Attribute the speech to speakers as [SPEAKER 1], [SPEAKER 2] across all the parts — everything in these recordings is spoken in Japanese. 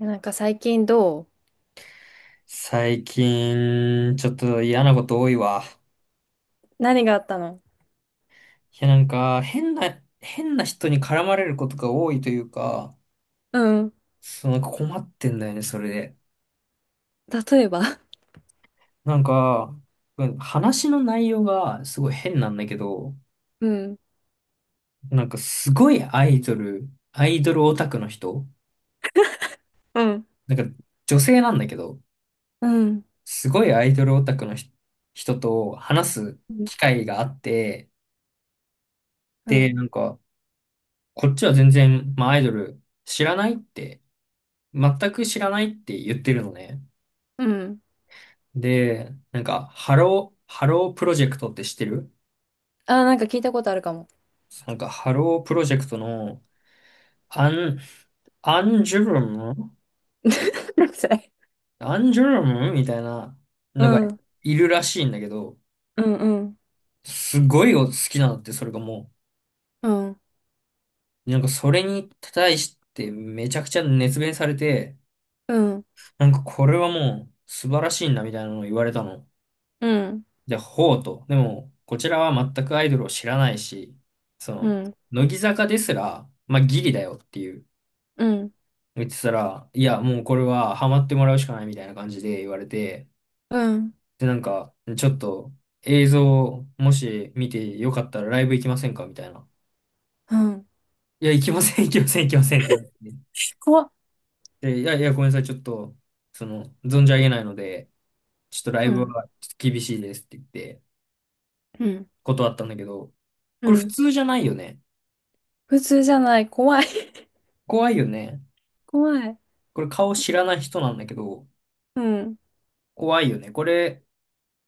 [SPEAKER 1] なんか最近どう？
[SPEAKER 2] 最近、ちょっと嫌なこと多いわ。
[SPEAKER 1] 何があったの？
[SPEAKER 2] いや、なんか、変な人に絡まれることが多いというか、
[SPEAKER 1] うん。
[SPEAKER 2] そう、なんか困ってんだよね、それで。
[SPEAKER 1] 例えば？
[SPEAKER 2] なんか、うん話の内容がすごい変なんだけど、
[SPEAKER 1] うん、
[SPEAKER 2] なんかすごいアイドルオタクの人、
[SPEAKER 1] うん。
[SPEAKER 2] なんか女性なんだけど、
[SPEAKER 1] うん、
[SPEAKER 2] すごいアイドルオタクの人と話す
[SPEAKER 1] うん。
[SPEAKER 2] 機会があって、
[SPEAKER 1] う
[SPEAKER 2] で、
[SPEAKER 1] ん、
[SPEAKER 2] なんか、こっちは全然、まあ、アイドル知らないって、全く知らないって言ってるのね。で、なんか、ハロープロジェクトって知ってる？
[SPEAKER 1] あ、なんか聞いたことあるかも。
[SPEAKER 2] なんか、ハロープロジェクトの、アン、アンジュルム
[SPEAKER 1] 何それ？
[SPEAKER 2] アンジュルムみたいな
[SPEAKER 1] う
[SPEAKER 2] のが
[SPEAKER 1] ん、うん、
[SPEAKER 2] いるらしいんだけど、
[SPEAKER 1] うん、
[SPEAKER 2] すごい好きなのって、それがも
[SPEAKER 1] うん、
[SPEAKER 2] う、なんかそれに対してめちゃくちゃ熱弁されて、
[SPEAKER 1] うん、
[SPEAKER 2] なんかこれはもう素晴らしいんだみたいなのを言われたの。
[SPEAKER 1] うん、
[SPEAKER 2] でほうと。でも、こちらは全くアイドルを知らないし、そ
[SPEAKER 1] う
[SPEAKER 2] の、
[SPEAKER 1] ん、
[SPEAKER 2] 乃木坂ですら、まあ、ギリだよっていう、
[SPEAKER 1] うん、
[SPEAKER 2] 言ってたら、いや、もうこれはハマってもらうしかないみたいな感じで言われて、
[SPEAKER 1] うん、
[SPEAKER 2] で、なんか、ちょっと映像、もし見てよかったらライブ行きませんかみたいな。
[SPEAKER 1] うん。
[SPEAKER 2] いや、行きません、行きません、行きませんってなって。
[SPEAKER 1] 怖っ。
[SPEAKER 2] で、いやいや、ごめんなさい、ちょっと、その、存じ上げないので、ちょっとライ
[SPEAKER 1] う
[SPEAKER 2] ブ
[SPEAKER 1] ん、
[SPEAKER 2] はちょっと厳しいですって言って、
[SPEAKER 1] うん、
[SPEAKER 2] 断ったんだけど、
[SPEAKER 1] う
[SPEAKER 2] これ普
[SPEAKER 1] ん。
[SPEAKER 2] 通じゃないよね。
[SPEAKER 1] 普通じゃない。怖い。
[SPEAKER 2] 怖いよね。
[SPEAKER 1] 怖い。
[SPEAKER 2] これ顔知らない人なんだけど、
[SPEAKER 1] うん。
[SPEAKER 2] 怖いよね。これ、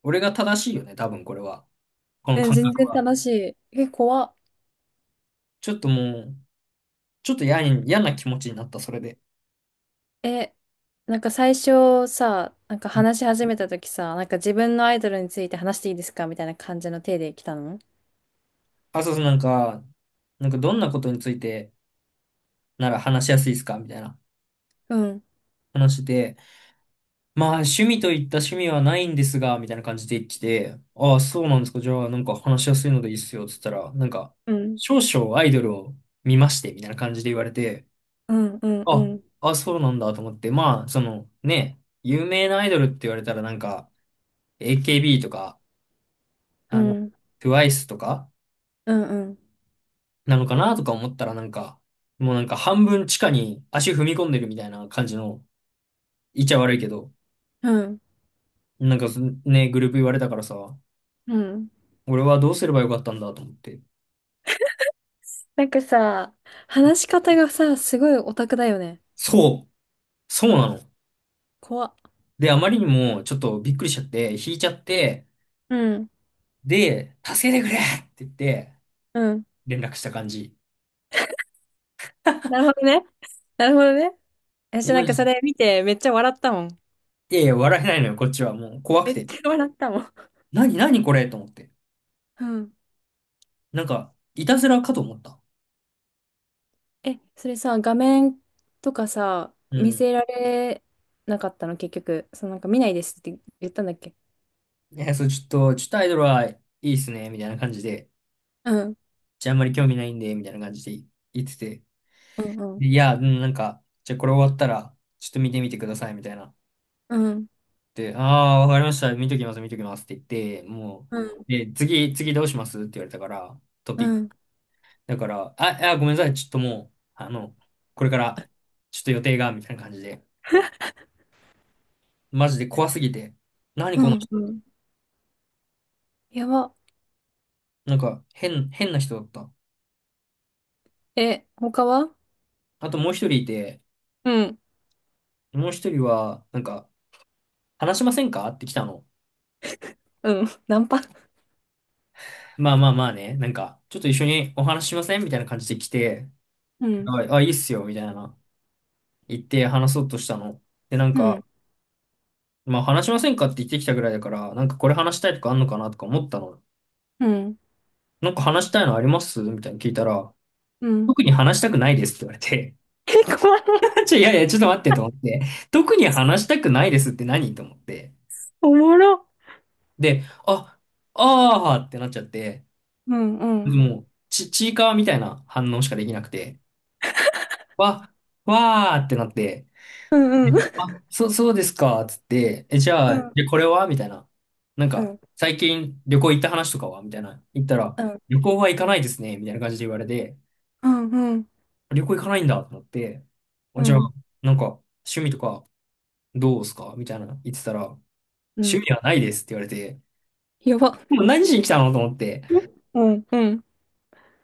[SPEAKER 2] 俺が正しいよね、多分これは。この
[SPEAKER 1] え、
[SPEAKER 2] 感
[SPEAKER 1] 全
[SPEAKER 2] 覚
[SPEAKER 1] 然
[SPEAKER 2] は。
[SPEAKER 1] 楽しい。え、怖っ。
[SPEAKER 2] ちょっともう、ちょっと嫌な気持ちになった、それで。
[SPEAKER 1] え、なんか最初さ、なんか
[SPEAKER 2] うん。
[SPEAKER 1] 話し始めた時さ、なんか自分のアイドルについて話していいですかみたいな感じの手で来たの？
[SPEAKER 2] あ、そうそう、なんか、なんかどんなことについてなら話しやすいですかみたいな
[SPEAKER 1] うん。
[SPEAKER 2] 話で、まあ趣味といった趣味はないんですが、みたいな感じで来て、ああ、そうなんですか。じゃあなんか話しやすいのでいいっすよ。つったら、なんか、
[SPEAKER 1] うん。
[SPEAKER 2] 少々アイドルを見まして、みたいな感じで言われて、
[SPEAKER 1] うん。うん。う
[SPEAKER 2] あ、
[SPEAKER 1] ん。
[SPEAKER 2] そうなんだと思って、まあ、そのね、有名なアイドルって言われたらなんか、AKB とか、
[SPEAKER 1] う
[SPEAKER 2] あの、
[SPEAKER 1] ん。
[SPEAKER 2] TWICE とか、
[SPEAKER 1] うん。
[SPEAKER 2] なのかなとか思ったらなんか、もうなんか半分地下に足踏み込んでるみたいな感じの、言っちゃ悪いけど、
[SPEAKER 1] うん。
[SPEAKER 2] なんかそね、グループ言われたからさ、
[SPEAKER 1] うん。
[SPEAKER 2] 俺はどうすればよかったんだと思って。
[SPEAKER 1] なんかさ、話し方がさ、すごいオタクだよね。
[SPEAKER 2] そう、そうなの。
[SPEAKER 1] 怖っ。
[SPEAKER 2] で、あまりにもちょっとびっくりしちゃって、引いちゃって、
[SPEAKER 1] うん。
[SPEAKER 2] で、助けてくれって言って、
[SPEAKER 1] うん。
[SPEAKER 2] 連絡した感じ。
[SPEAKER 1] なるほどね。なるほどね。私なんかそれ見てめっちゃ笑ったもん。
[SPEAKER 2] いやいや、笑えないのよ、こっちは。もう怖く
[SPEAKER 1] めっ
[SPEAKER 2] て。
[SPEAKER 1] ちゃ笑ったもん。
[SPEAKER 2] 何これと思って。
[SPEAKER 1] うん。
[SPEAKER 2] なんか、いたずらかと思った。
[SPEAKER 1] え、それさ、画面とかさ、
[SPEAKER 2] う
[SPEAKER 1] 見
[SPEAKER 2] ん。
[SPEAKER 1] せられなかったの、結局。そのなんか見ないですって言ったんだっけ？
[SPEAKER 2] いや、そう、ちょっとアイドルはいいっすね、みたいな感じで。
[SPEAKER 1] うん、
[SPEAKER 2] じゃあ、あんまり興味ないんで、みたいな感じで言ってて。
[SPEAKER 1] うん、
[SPEAKER 2] でいや、うん、なんか、じゃあこれ終わったら、ちょっと見てみてください、みたいな。
[SPEAKER 1] うん、うん、
[SPEAKER 2] で、ああ、わかりました。見ときます、見ときますって言って、も
[SPEAKER 1] うん、
[SPEAKER 2] う、で、次どうしますって言われたから、ト
[SPEAKER 1] う
[SPEAKER 2] ピック。
[SPEAKER 1] ん、
[SPEAKER 2] だから、ごめんなさい。ちょっともう、あの、これから、ちょっと予定が、みたいな感じで。マジで怖すぎて。何
[SPEAKER 1] う
[SPEAKER 2] この
[SPEAKER 1] ん。
[SPEAKER 2] 人。
[SPEAKER 1] うん、やば。
[SPEAKER 2] なんか、変な人だった。
[SPEAKER 1] え、他は？
[SPEAKER 2] あともう一人いて、
[SPEAKER 1] うん、
[SPEAKER 2] もう一人は、なんか、話しませんかって来たの。
[SPEAKER 1] うん。ナンパ？
[SPEAKER 2] まあまあまあね、なんか、ちょっと一緒にお話ししませんみたいな感じで来て、
[SPEAKER 1] うん、
[SPEAKER 2] あ、あいいっすよ、みたいな。言って話そうとしたの。で、なん
[SPEAKER 1] うん、
[SPEAKER 2] か、まあ話しませんかって言ってきたぐらいだから、なんかこれ話したいとかあんのかなとか思ったの。
[SPEAKER 1] うん、
[SPEAKER 2] なんか話したいのありますみたいに聞いたら、
[SPEAKER 1] うん、
[SPEAKER 2] 特に話したくないですって言われて、
[SPEAKER 1] え、怖い。
[SPEAKER 2] ちょ、いやいや、ちょっと待ってと思って、特に話したくないですって何と思って。
[SPEAKER 1] おもろ。
[SPEAKER 2] で、あ、あーってなっちゃって、
[SPEAKER 1] うん、うん、
[SPEAKER 2] もう、ちいかわみたいな反応しかできなくて、わ、わーってなって、
[SPEAKER 1] うん、う
[SPEAKER 2] で、
[SPEAKER 1] ん。
[SPEAKER 2] あ、そうですか、つって、え、じゃ
[SPEAKER 1] う
[SPEAKER 2] あ、
[SPEAKER 1] ん、
[SPEAKER 2] で、これはみたいな。なん
[SPEAKER 1] う
[SPEAKER 2] か、
[SPEAKER 1] ん、
[SPEAKER 2] 最近旅行行った話とかはみたいな。言ったら、
[SPEAKER 1] うん、
[SPEAKER 2] 旅行は行かないですね、みたいな感じで言われて、
[SPEAKER 1] うん、うん、
[SPEAKER 2] 旅行行かないんだと思って、あ
[SPEAKER 1] う
[SPEAKER 2] じゃあ、
[SPEAKER 1] ん、
[SPEAKER 2] なんか、趣味とかどうすかみたいな言ってたら、
[SPEAKER 1] う
[SPEAKER 2] 趣
[SPEAKER 1] ん、
[SPEAKER 2] 味はないですって言われて、
[SPEAKER 1] やば。
[SPEAKER 2] もう何しに来たのと思って、
[SPEAKER 1] うん、うん。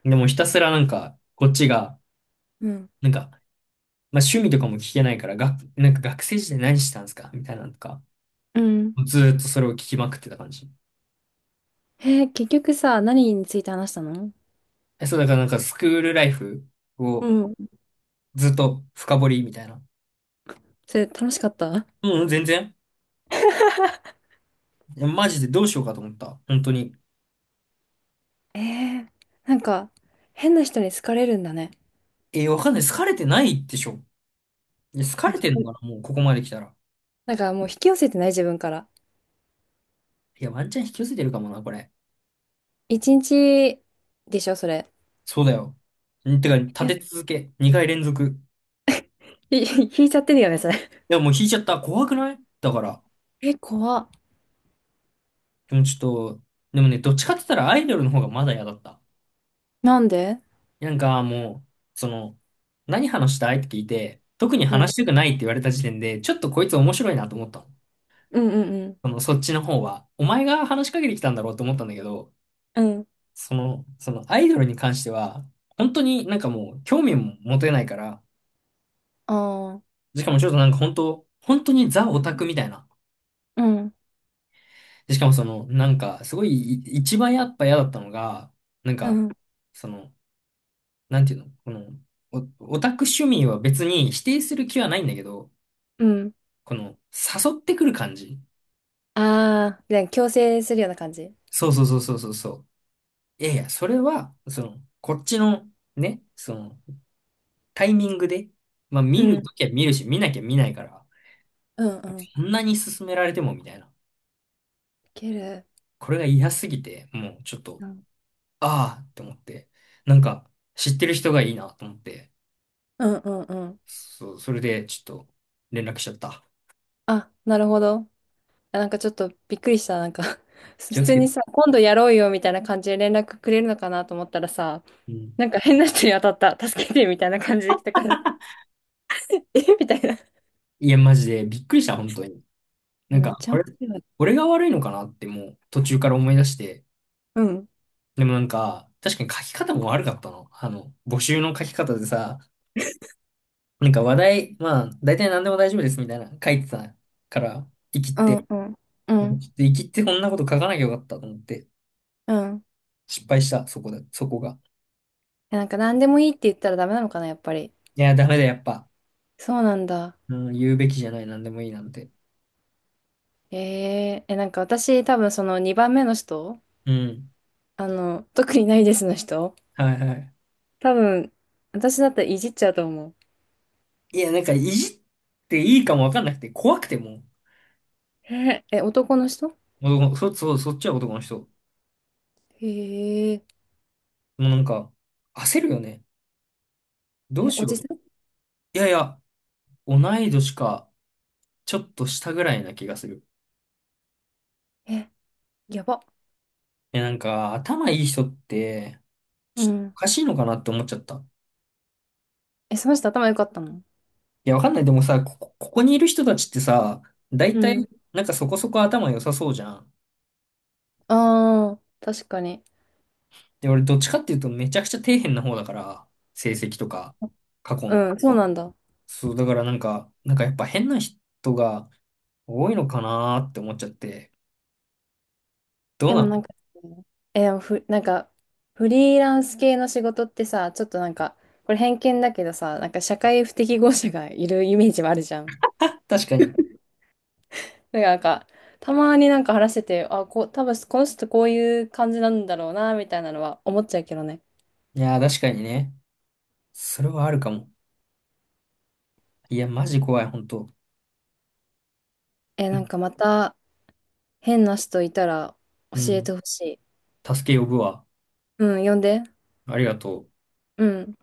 [SPEAKER 2] でもひたすらなんか、こっちが、
[SPEAKER 1] うん、
[SPEAKER 2] なんか、まあ、趣味とかも聞けないから、が、なんか学生時代何してたんですかみたいなのとか、
[SPEAKER 1] うん。
[SPEAKER 2] ずーっとそれを聞きまくってた感じ。
[SPEAKER 1] えー結局さ、何について話したの？
[SPEAKER 2] え、そう、だからなんかスクールライフ
[SPEAKER 1] う
[SPEAKER 2] を
[SPEAKER 1] ん。
[SPEAKER 2] ずっと深掘りみたいな。
[SPEAKER 1] それ楽しかった？
[SPEAKER 2] うん、全然。いやマジでどうしようかと思った。本当に。
[SPEAKER 1] えー、なんか、変な人に好かれるんだね。
[SPEAKER 2] え、わかんない。好かれてないでしょ。いや、好か
[SPEAKER 1] なん
[SPEAKER 2] れ
[SPEAKER 1] か、
[SPEAKER 2] てん
[SPEAKER 1] と、
[SPEAKER 2] のかなもうここまで来たら。
[SPEAKER 1] なんかもう引き寄せてない自分から。
[SPEAKER 2] いや、ワンチャン引き寄せてるかもな、これ。
[SPEAKER 1] 一日でしょ、それ。
[SPEAKER 2] そうだよ。んてか、
[SPEAKER 1] い
[SPEAKER 2] 立
[SPEAKER 1] や、い、
[SPEAKER 2] て続け。2回連続。
[SPEAKER 1] 引いちゃってるよね、それ。
[SPEAKER 2] いや、もう引いちゃった。怖くないだから。
[SPEAKER 1] え、怖っ。
[SPEAKER 2] でもちょっと、でもね、どっちかって言ったらアイドルの方がまだ嫌だった。
[SPEAKER 1] なんで？
[SPEAKER 2] なんかもう、その、何話したいって聞いて、特に
[SPEAKER 1] うん。
[SPEAKER 2] 話したくないって言われた時点で、ちょっとこいつ面白いなと思ったの。
[SPEAKER 1] うんうん
[SPEAKER 2] その、そっちの方は。お前が話しかけてきたんだろうと思ったんだけど、
[SPEAKER 1] うん。うん。
[SPEAKER 2] その、そのアイドルに関しては、本当になんかもう興味も持てないから、
[SPEAKER 1] ああ。
[SPEAKER 2] しかもちょっとなんか本当にザオタクみたいな。
[SPEAKER 1] うん、
[SPEAKER 2] でしかもその、なんかすごいい一番やっぱ嫌だったのが、なん
[SPEAKER 1] う
[SPEAKER 2] か、
[SPEAKER 1] ん。
[SPEAKER 2] その、なんていうの、この、オタク趣味は別に否定する気はないんだけど、
[SPEAKER 1] うん。
[SPEAKER 2] この、誘ってくる感じ。
[SPEAKER 1] ああ、で、強制するような感じ。
[SPEAKER 2] そうそうそうそうそうそう。いやいや、それは、その、こっちの、ね、その、タイミングで、まあ
[SPEAKER 1] う
[SPEAKER 2] 見る
[SPEAKER 1] ん。
[SPEAKER 2] ときは見るし、見なきゃ見ないから、
[SPEAKER 1] うんうん。い
[SPEAKER 2] そんなに勧められてもみたいな。
[SPEAKER 1] ける。
[SPEAKER 2] これが嫌すぎて、もうちょっと、
[SPEAKER 1] うん
[SPEAKER 2] ああって思って、なんか、知ってる人がいいなと思って、
[SPEAKER 1] うんうんうん。
[SPEAKER 2] そう、それでちょっと連絡しちゃった。
[SPEAKER 1] あ、なるほど。あ、なんかちょっとびっくりした。なんか 普
[SPEAKER 2] 気をつ
[SPEAKER 1] 通
[SPEAKER 2] け
[SPEAKER 1] に
[SPEAKER 2] て。
[SPEAKER 1] さ、今度やろうよみたいな感じで連絡くれるのかなと思ったらさ、
[SPEAKER 2] うん。
[SPEAKER 1] なんか変な人に当たった。助けてみたいな感じで来たから、えみたいな。
[SPEAKER 2] いや、マジでびっくりした、本当に。な
[SPEAKER 1] え、
[SPEAKER 2] ん
[SPEAKER 1] め
[SPEAKER 2] か、
[SPEAKER 1] っちゃ
[SPEAKER 2] あ
[SPEAKER 1] 面
[SPEAKER 2] れ、
[SPEAKER 1] 白い。
[SPEAKER 2] 俺が悪いのかなってもう途中から思い出して、
[SPEAKER 1] うん。
[SPEAKER 2] でもなんか、確かに書き方も悪かったの。あの、募集の書き方でさ、なんか話題、まあ、大体何でも大丈夫ですみたいな書いてたから、生き
[SPEAKER 1] う
[SPEAKER 2] って、ち
[SPEAKER 1] ん、うん、う
[SPEAKER 2] ょっと
[SPEAKER 1] ん、
[SPEAKER 2] 生きってこんなこと書かなきゃよかったと思って、
[SPEAKER 1] うん。
[SPEAKER 2] 失敗した、そこで、そこが。
[SPEAKER 1] え、なんか何でもいいって言ったらダメなのかな、やっぱり。
[SPEAKER 2] いや、ダメだ、やっぱ。
[SPEAKER 1] そうなんだ。
[SPEAKER 2] うん、言うべきじゃない、何でもいいなんて。
[SPEAKER 1] えー、え、なんか私多分その2番目の人、
[SPEAKER 2] うん。
[SPEAKER 1] あの、特にないですの人、
[SPEAKER 2] はいはい。
[SPEAKER 1] 多分私だったらいじっちゃうと思う。
[SPEAKER 2] いや、なんか、いじっていいかもわかんなくて、怖くても
[SPEAKER 1] えー、え、男の人？
[SPEAKER 2] う、そっちは男の人。も
[SPEAKER 1] へえ、
[SPEAKER 2] うなんか、焦るよね。どう
[SPEAKER 1] え、
[SPEAKER 2] し
[SPEAKER 1] お
[SPEAKER 2] よう
[SPEAKER 1] じ
[SPEAKER 2] と。
[SPEAKER 1] さん？
[SPEAKER 2] いやいや、同い年か。ちょっと下ぐらいな気がする。
[SPEAKER 1] え、やば。
[SPEAKER 2] え、なんか、頭いい人って、
[SPEAKER 1] う
[SPEAKER 2] ちょっと
[SPEAKER 1] ん。
[SPEAKER 2] おかしいのかなって思っちゃった。
[SPEAKER 1] え、その人頭良かったの？
[SPEAKER 2] いや、わかんない。でもさ、ここにいる人たちってさ、大
[SPEAKER 1] う
[SPEAKER 2] 体、
[SPEAKER 1] ん。
[SPEAKER 2] なんかそこそこ頭良さそうじゃん。
[SPEAKER 1] ああー、確かに。
[SPEAKER 2] で、俺どっちかっていうとめちゃくちゃ底辺な方だから、成績とか、過去の。
[SPEAKER 1] うん、そうなんだ。
[SPEAKER 2] そう、だからなんか、なんかやっぱ変な人が多いのかなーって思っちゃって。どう
[SPEAKER 1] で
[SPEAKER 2] な
[SPEAKER 1] も
[SPEAKER 2] の？
[SPEAKER 1] なんか、え、でもふ、なんか、フリーランス系の仕事ってさ、ちょっとなんか、これ偏見だけどさ、なんか社会不適合者がいるイメージはあるじゃん。だ
[SPEAKER 2] 確かに。
[SPEAKER 1] からなんか、たまになんか話してて、あ、こう、多分この人こういう感じなんだろうな、みたいなのは思っちゃうけどね。
[SPEAKER 2] いやー、確かにね。それはあるかも。いや、マジ怖い、ほんと。
[SPEAKER 1] え、
[SPEAKER 2] う
[SPEAKER 1] なん
[SPEAKER 2] ん。
[SPEAKER 1] かまた変な人いたら
[SPEAKER 2] う
[SPEAKER 1] 教えて
[SPEAKER 2] ん、
[SPEAKER 1] ほしい。
[SPEAKER 2] 助け呼ぶわ。
[SPEAKER 1] うん、呼んで。
[SPEAKER 2] ありがとう。
[SPEAKER 1] うん。